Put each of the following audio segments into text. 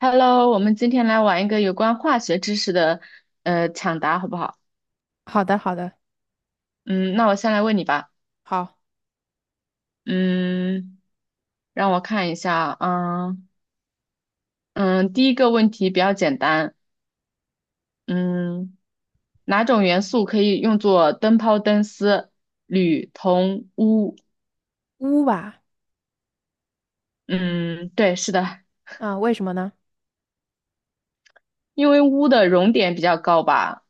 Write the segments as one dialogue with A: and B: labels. A: Hello，我们今天来玩一个有关化学知识的抢答，好不好？
B: 好的，好的，
A: 嗯，那我先来问你吧。
B: 好，
A: 嗯，让我看一下啊。嗯嗯，第一个问题比较简单。嗯，哪种元素可以用作灯泡、灯丝、铝、铜、钨？
B: 乌吧，
A: 嗯，对，是的，
B: 啊，为什么呢？
A: 因为钨的熔点比较高吧，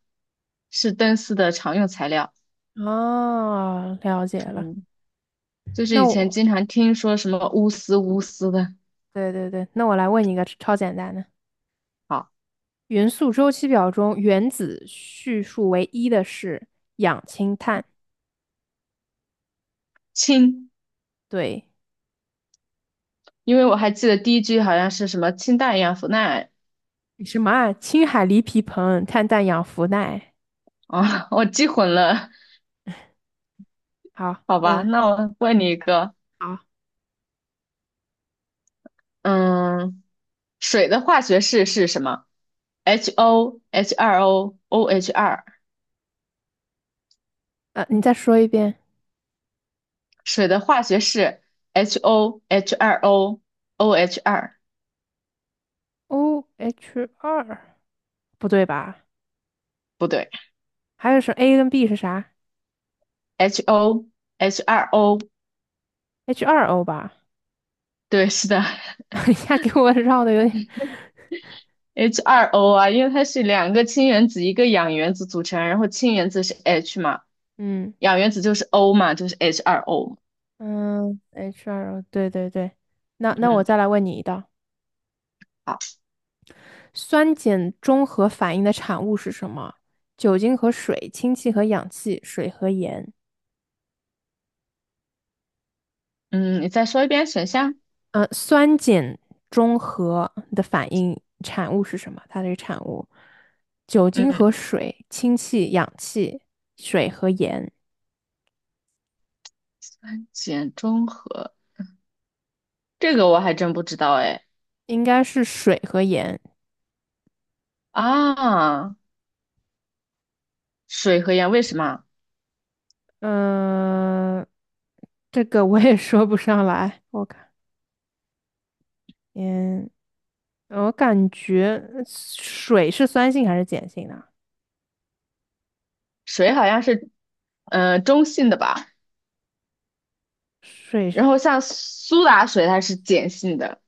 A: 是灯丝的常用材料。
B: 哦，了解了。
A: 嗯，就是
B: 那
A: 以前
B: 我，
A: 经常听说什么钨丝、钨丝的。
B: 对对对，那我来问你一个超简单的：
A: 好，
B: 元素周期表中原子序数为一的是氧氢碳。
A: 氢。
B: 对，
A: 因为我还记得第一句好像是什么"氢氮氧氟钠，
B: 什么啊？氢氦锂铍硼碳氮氧氟氖。
A: 啊，我记混了。
B: 好，
A: 好吧，
B: 那
A: 那我问你一个，
B: 好，
A: 嗯，水的化学式是什么？HO、H2O、o h 二 o o h 二，
B: 你再说一遍。
A: 水的化学式 HO、h 二 o o h 二，
B: O H 二，不对吧？
A: 不对
B: 还有是 A 跟 B 是啥
A: ，HO、h 二 o
B: ？H 二 O 吧？
A: 对，是的
B: 一下给我绕的有点，
A: h 二 o 啊，因为它是两个氢原子一个氧原子组成，然后氢原子是 H 嘛，
B: 嗯。
A: 氧原子就是 O 嘛，就是 h 二 o
B: 嗯，HR，对对对，那我
A: 嗯。
B: 再来问你一道，
A: 好。
B: 酸碱中和反应的产物是什么？酒精和水，氢气和氧气，水和盐。
A: 嗯，你再说一遍选项。
B: 酸碱中和的反应产物是什么？它这个产物，酒精
A: 嗯，
B: 和水、氢气、氧气、水和盐，
A: 碱中和，这个我还真不知道哎。
B: 应该是水和盐。
A: 啊，水和盐为什么？
B: 嗯、这个我也说不上来，我看，嗯。我感觉水是酸性还是碱性的？
A: 水好像是中性的吧，
B: 水
A: 然
B: 是，
A: 后像苏打水它是碱性的。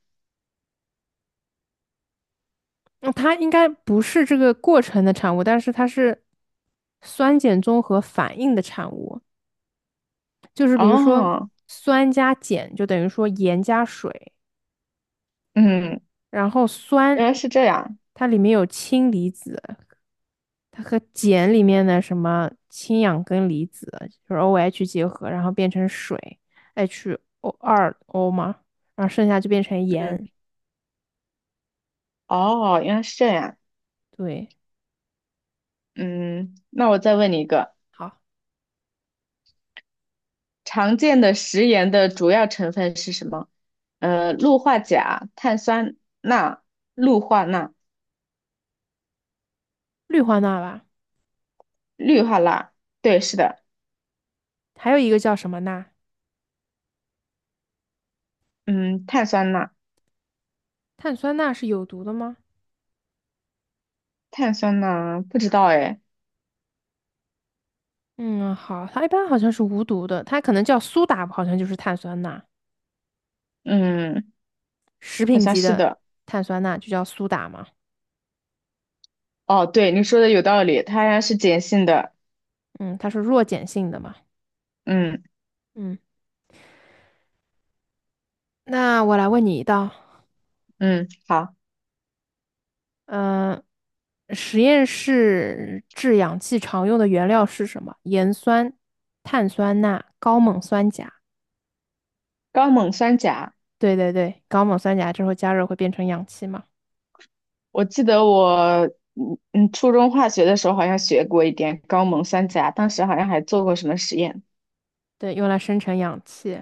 B: 嗯它应该不是这个过程的产物，但是它是酸碱综合反应的产物。就是比如说
A: 哦，
B: 酸加碱就等于说盐加水，
A: 嗯，
B: 然后酸
A: 原来是这样。
B: 它里面有氢离子，它和碱里面的什么氢氧根离子就是 OH 结合，然后变成水 H2O 嘛，然后剩下就变成盐。
A: 嗯，哦，原来是这样。
B: 对。
A: 嗯，那我再问你一个，
B: 好。
A: 常见的食盐的主要成分是什么？氯化钾、碳酸钠、氯化钠、
B: 氯化钠吧，
A: 氯化钠。对，是的。
B: 还有一个叫什么钠？
A: 嗯，碳酸钠，
B: 碳酸钠是有毒的吗？
A: 碳酸钠不知道哎，
B: 嗯，好，它一般好像是无毒的，它可能叫苏打，好像就是碳酸钠，
A: 嗯，
B: 食
A: 好
B: 品
A: 像
B: 级
A: 是
B: 的
A: 的。
B: 碳酸钠就叫苏打嘛。
A: 哦，对，你说的有道理，它是碱性的。
B: 嗯，它是弱碱性的嘛。
A: 嗯
B: 嗯，那我来问你一道，
A: 嗯，好，
B: 嗯、实验室制氧气常用的原料是什么？盐酸、碳酸钠、高锰酸钾。
A: 高锰酸钾，
B: 对对对，高锰酸钾之后加热会变成氧气嘛？
A: 我记得我初中化学的时候好像学过一点高锰酸钾，当时好像还做过什么实验。
B: 对，用来生成氧气。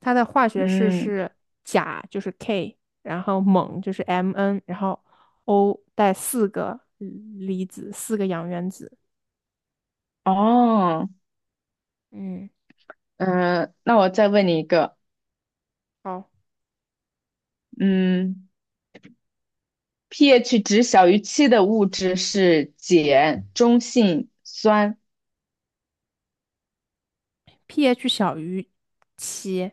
B: 它的化学式
A: 嗯，
B: 是钾就是 K，然后锰就是 Mn，然后 O 带四个离子，四个氧原子。
A: 哦，
B: 嗯，
A: 嗯，那我再问你一个，
B: 好
A: 嗯，pH 值小于七的物质是碱、中性酸。
B: ，pH 小于七，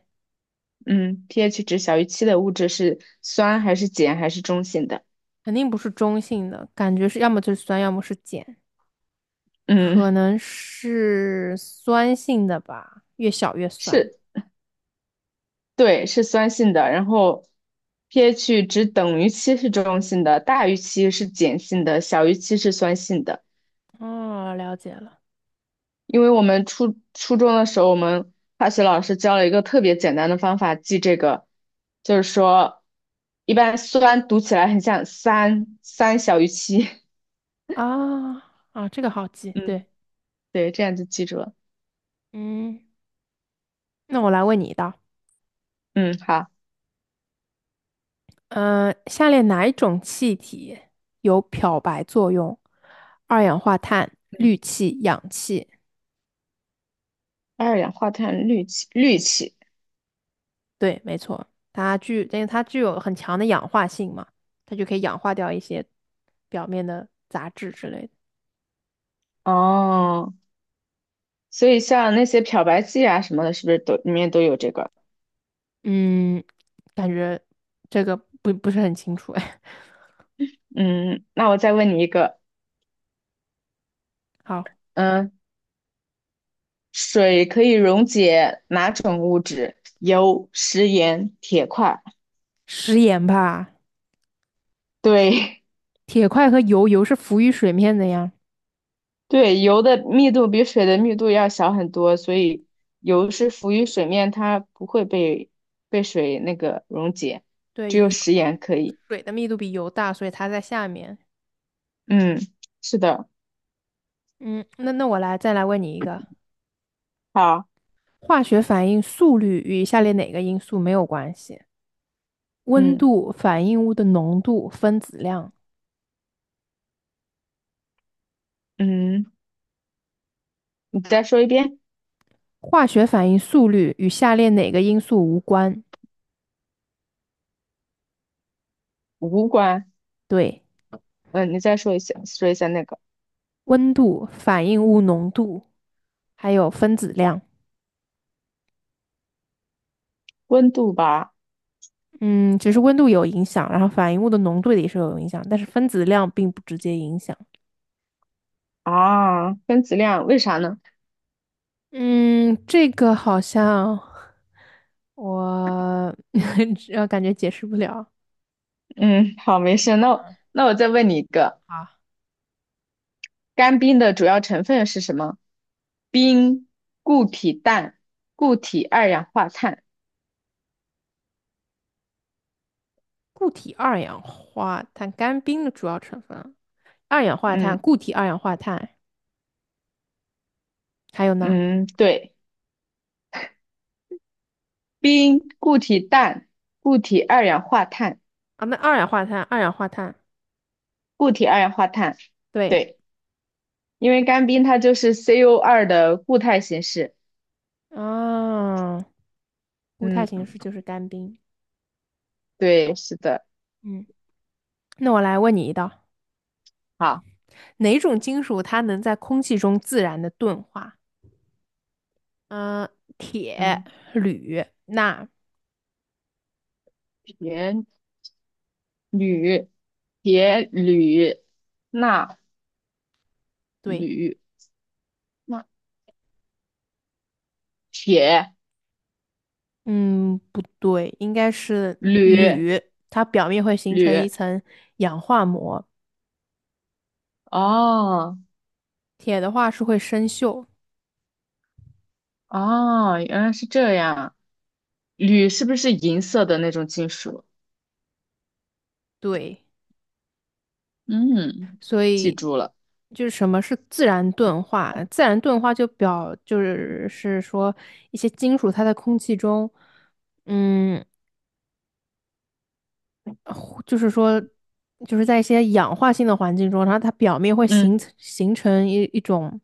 A: 嗯，pH 值小于七的物质是酸还是碱还是中性的？
B: 肯定不是中性的，感觉是要么就是酸，要么是碱，
A: 嗯，
B: 可能是酸性的吧，越小越酸。
A: 是，对，是酸性的。然后 pH 值等于七是中性的，大于七是碱性的，小于七是酸性的。
B: 哦，了解了。
A: 因为我们初中的时候，我们化学老师教了一个特别简单的方法记这个，就是说，一般酸读起来很像三，三小于七。
B: 啊啊，这个好记，
A: 嗯，
B: 对，
A: 对，这样就记住了。
B: 嗯，那我来问你一道，
A: 嗯，好，
B: 下列哪一种气体有漂白作用？二氧化碳、氯气、氧气。
A: 二氧化碳氯气，氯气。
B: 对，没错，因为它具有很强的氧化性嘛，它就可以氧化掉一些表面的杂质之类的。
A: 哦，所以像那些漂白剂啊什么的，是不是都里面都有这个？
B: 嗯，感觉这个不是很清楚哎。
A: 嗯，那我再问你一个，
B: 好，
A: 嗯，水可以溶解哪种物质？油、食盐、铁块。
B: 食盐吧，
A: 对
B: 铁块和油，油是浮于水面的呀。
A: 对，油的密度比水的密度要小很多，所以油是浮于水面，它不会被被水那个溶解，
B: 对，
A: 只有
B: 油
A: 食盐可以。
B: 水的密度比油大，所以它在下面。
A: 嗯，是的，
B: 嗯，那我来再来问你一个。
A: 好，
B: 化学反应速率与以下列哪个因素没有关系？温
A: 嗯
B: 度、反应物的浓度、分子量。
A: 嗯，你再说一遍，
B: 化学反应速率与下列哪个因素无关？
A: 无关。
B: 对，
A: 嗯，你再说一下，说一下那个
B: 温度、反应物浓度，还有分子量。
A: 温度吧。
B: 嗯，只是温度有影响，然后反应物的浓度也是有影响，但是分子量并不直接影响。
A: 啊，分子量，为啥呢？
B: 嗯，这个好像我 感觉解释不了。
A: 嗯，好，没事。那我
B: 嗯，
A: 那我再问你一个，
B: 好。
A: 干冰的主要成分是什么？冰、固体氮、固体二氧化碳。
B: 固体二氧化碳干冰的主要成分，二氧化
A: 嗯
B: 碳、固体二氧化碳，还有呢？
A: 嗯，对，冰、固体氮、固体二氧化碳、
B: 啊，那二氧化碳，二氧化碳，
A: 固体二氧化碳。
B: 对，
A: 对，因为干冰它就是 c o 二的固态形式。
B: 啊，固态
A: 嗯，
B: 形式就是干冰。
A: 对，是的。
B: 嗯，那我来问你一道，
A: 好，
B: 哪种金属它能在空气中自然的钝化？嗯、铁、
A: 嗯，
B: 铝、钠，
A: 原铝、铁、铝、钠、
B: 对，
A: 铝、钠、铁、
B: 嗯，不对，应该是
A: 铝、
B: 铝，它表面会形成一
A: 铝。
B: 层氧化膜，
A: 哦
B: 铁的话是会生锈，
A: 哦，原来是这样。铝是不是银色的那种金属？
B: 对。
A: 嗯，
B: 所
A: 记
B: 以
A: 住了。
B: 就是什么是自然钝化？自然钝化就表就是是说一些金属它在空气中，嗯，就是说，就是在一些氧化性的环境中，然后它表面会形
A: 嗯，
B: 成形成一种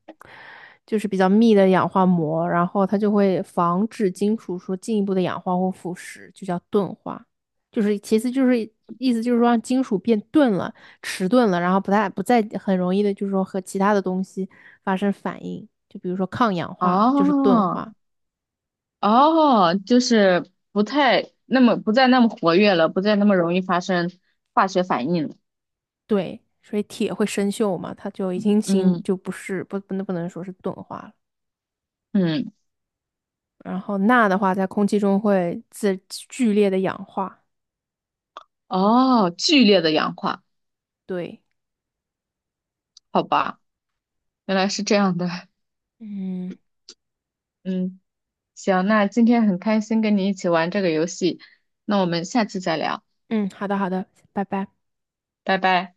B: 就是比较密的氧化膜，然后它就会防止金属说进一步的氧化或腐蚀，就叫钝化。就是其次就是意思就是说让金属变钝了、迟钝了，然后不再很容易的，就是说和其他的东西发生反应，就比如说抗氧化就是钝
A: 哦
B: 化，
A: 哦，就是不再那么活跃了，不再那么容易发生化学反应了。
B: 对，所以铁会生锈嘛，它就已经
A: 嗯
B: 就不是不能说是钝化了。
A: 嗯，
B: 然后钠的话，在空气中会剧烈的氧化。
A: 哦，剧烈的氧化，
B: 对，
A: 好吧，原来是这样的。
B: 嗯
A: 嗯。行，那今天很开心跟你一起玩这个游戏，那我们下次再聊，
B: 嗯，好的好的，拜拜。
A: 拜拜。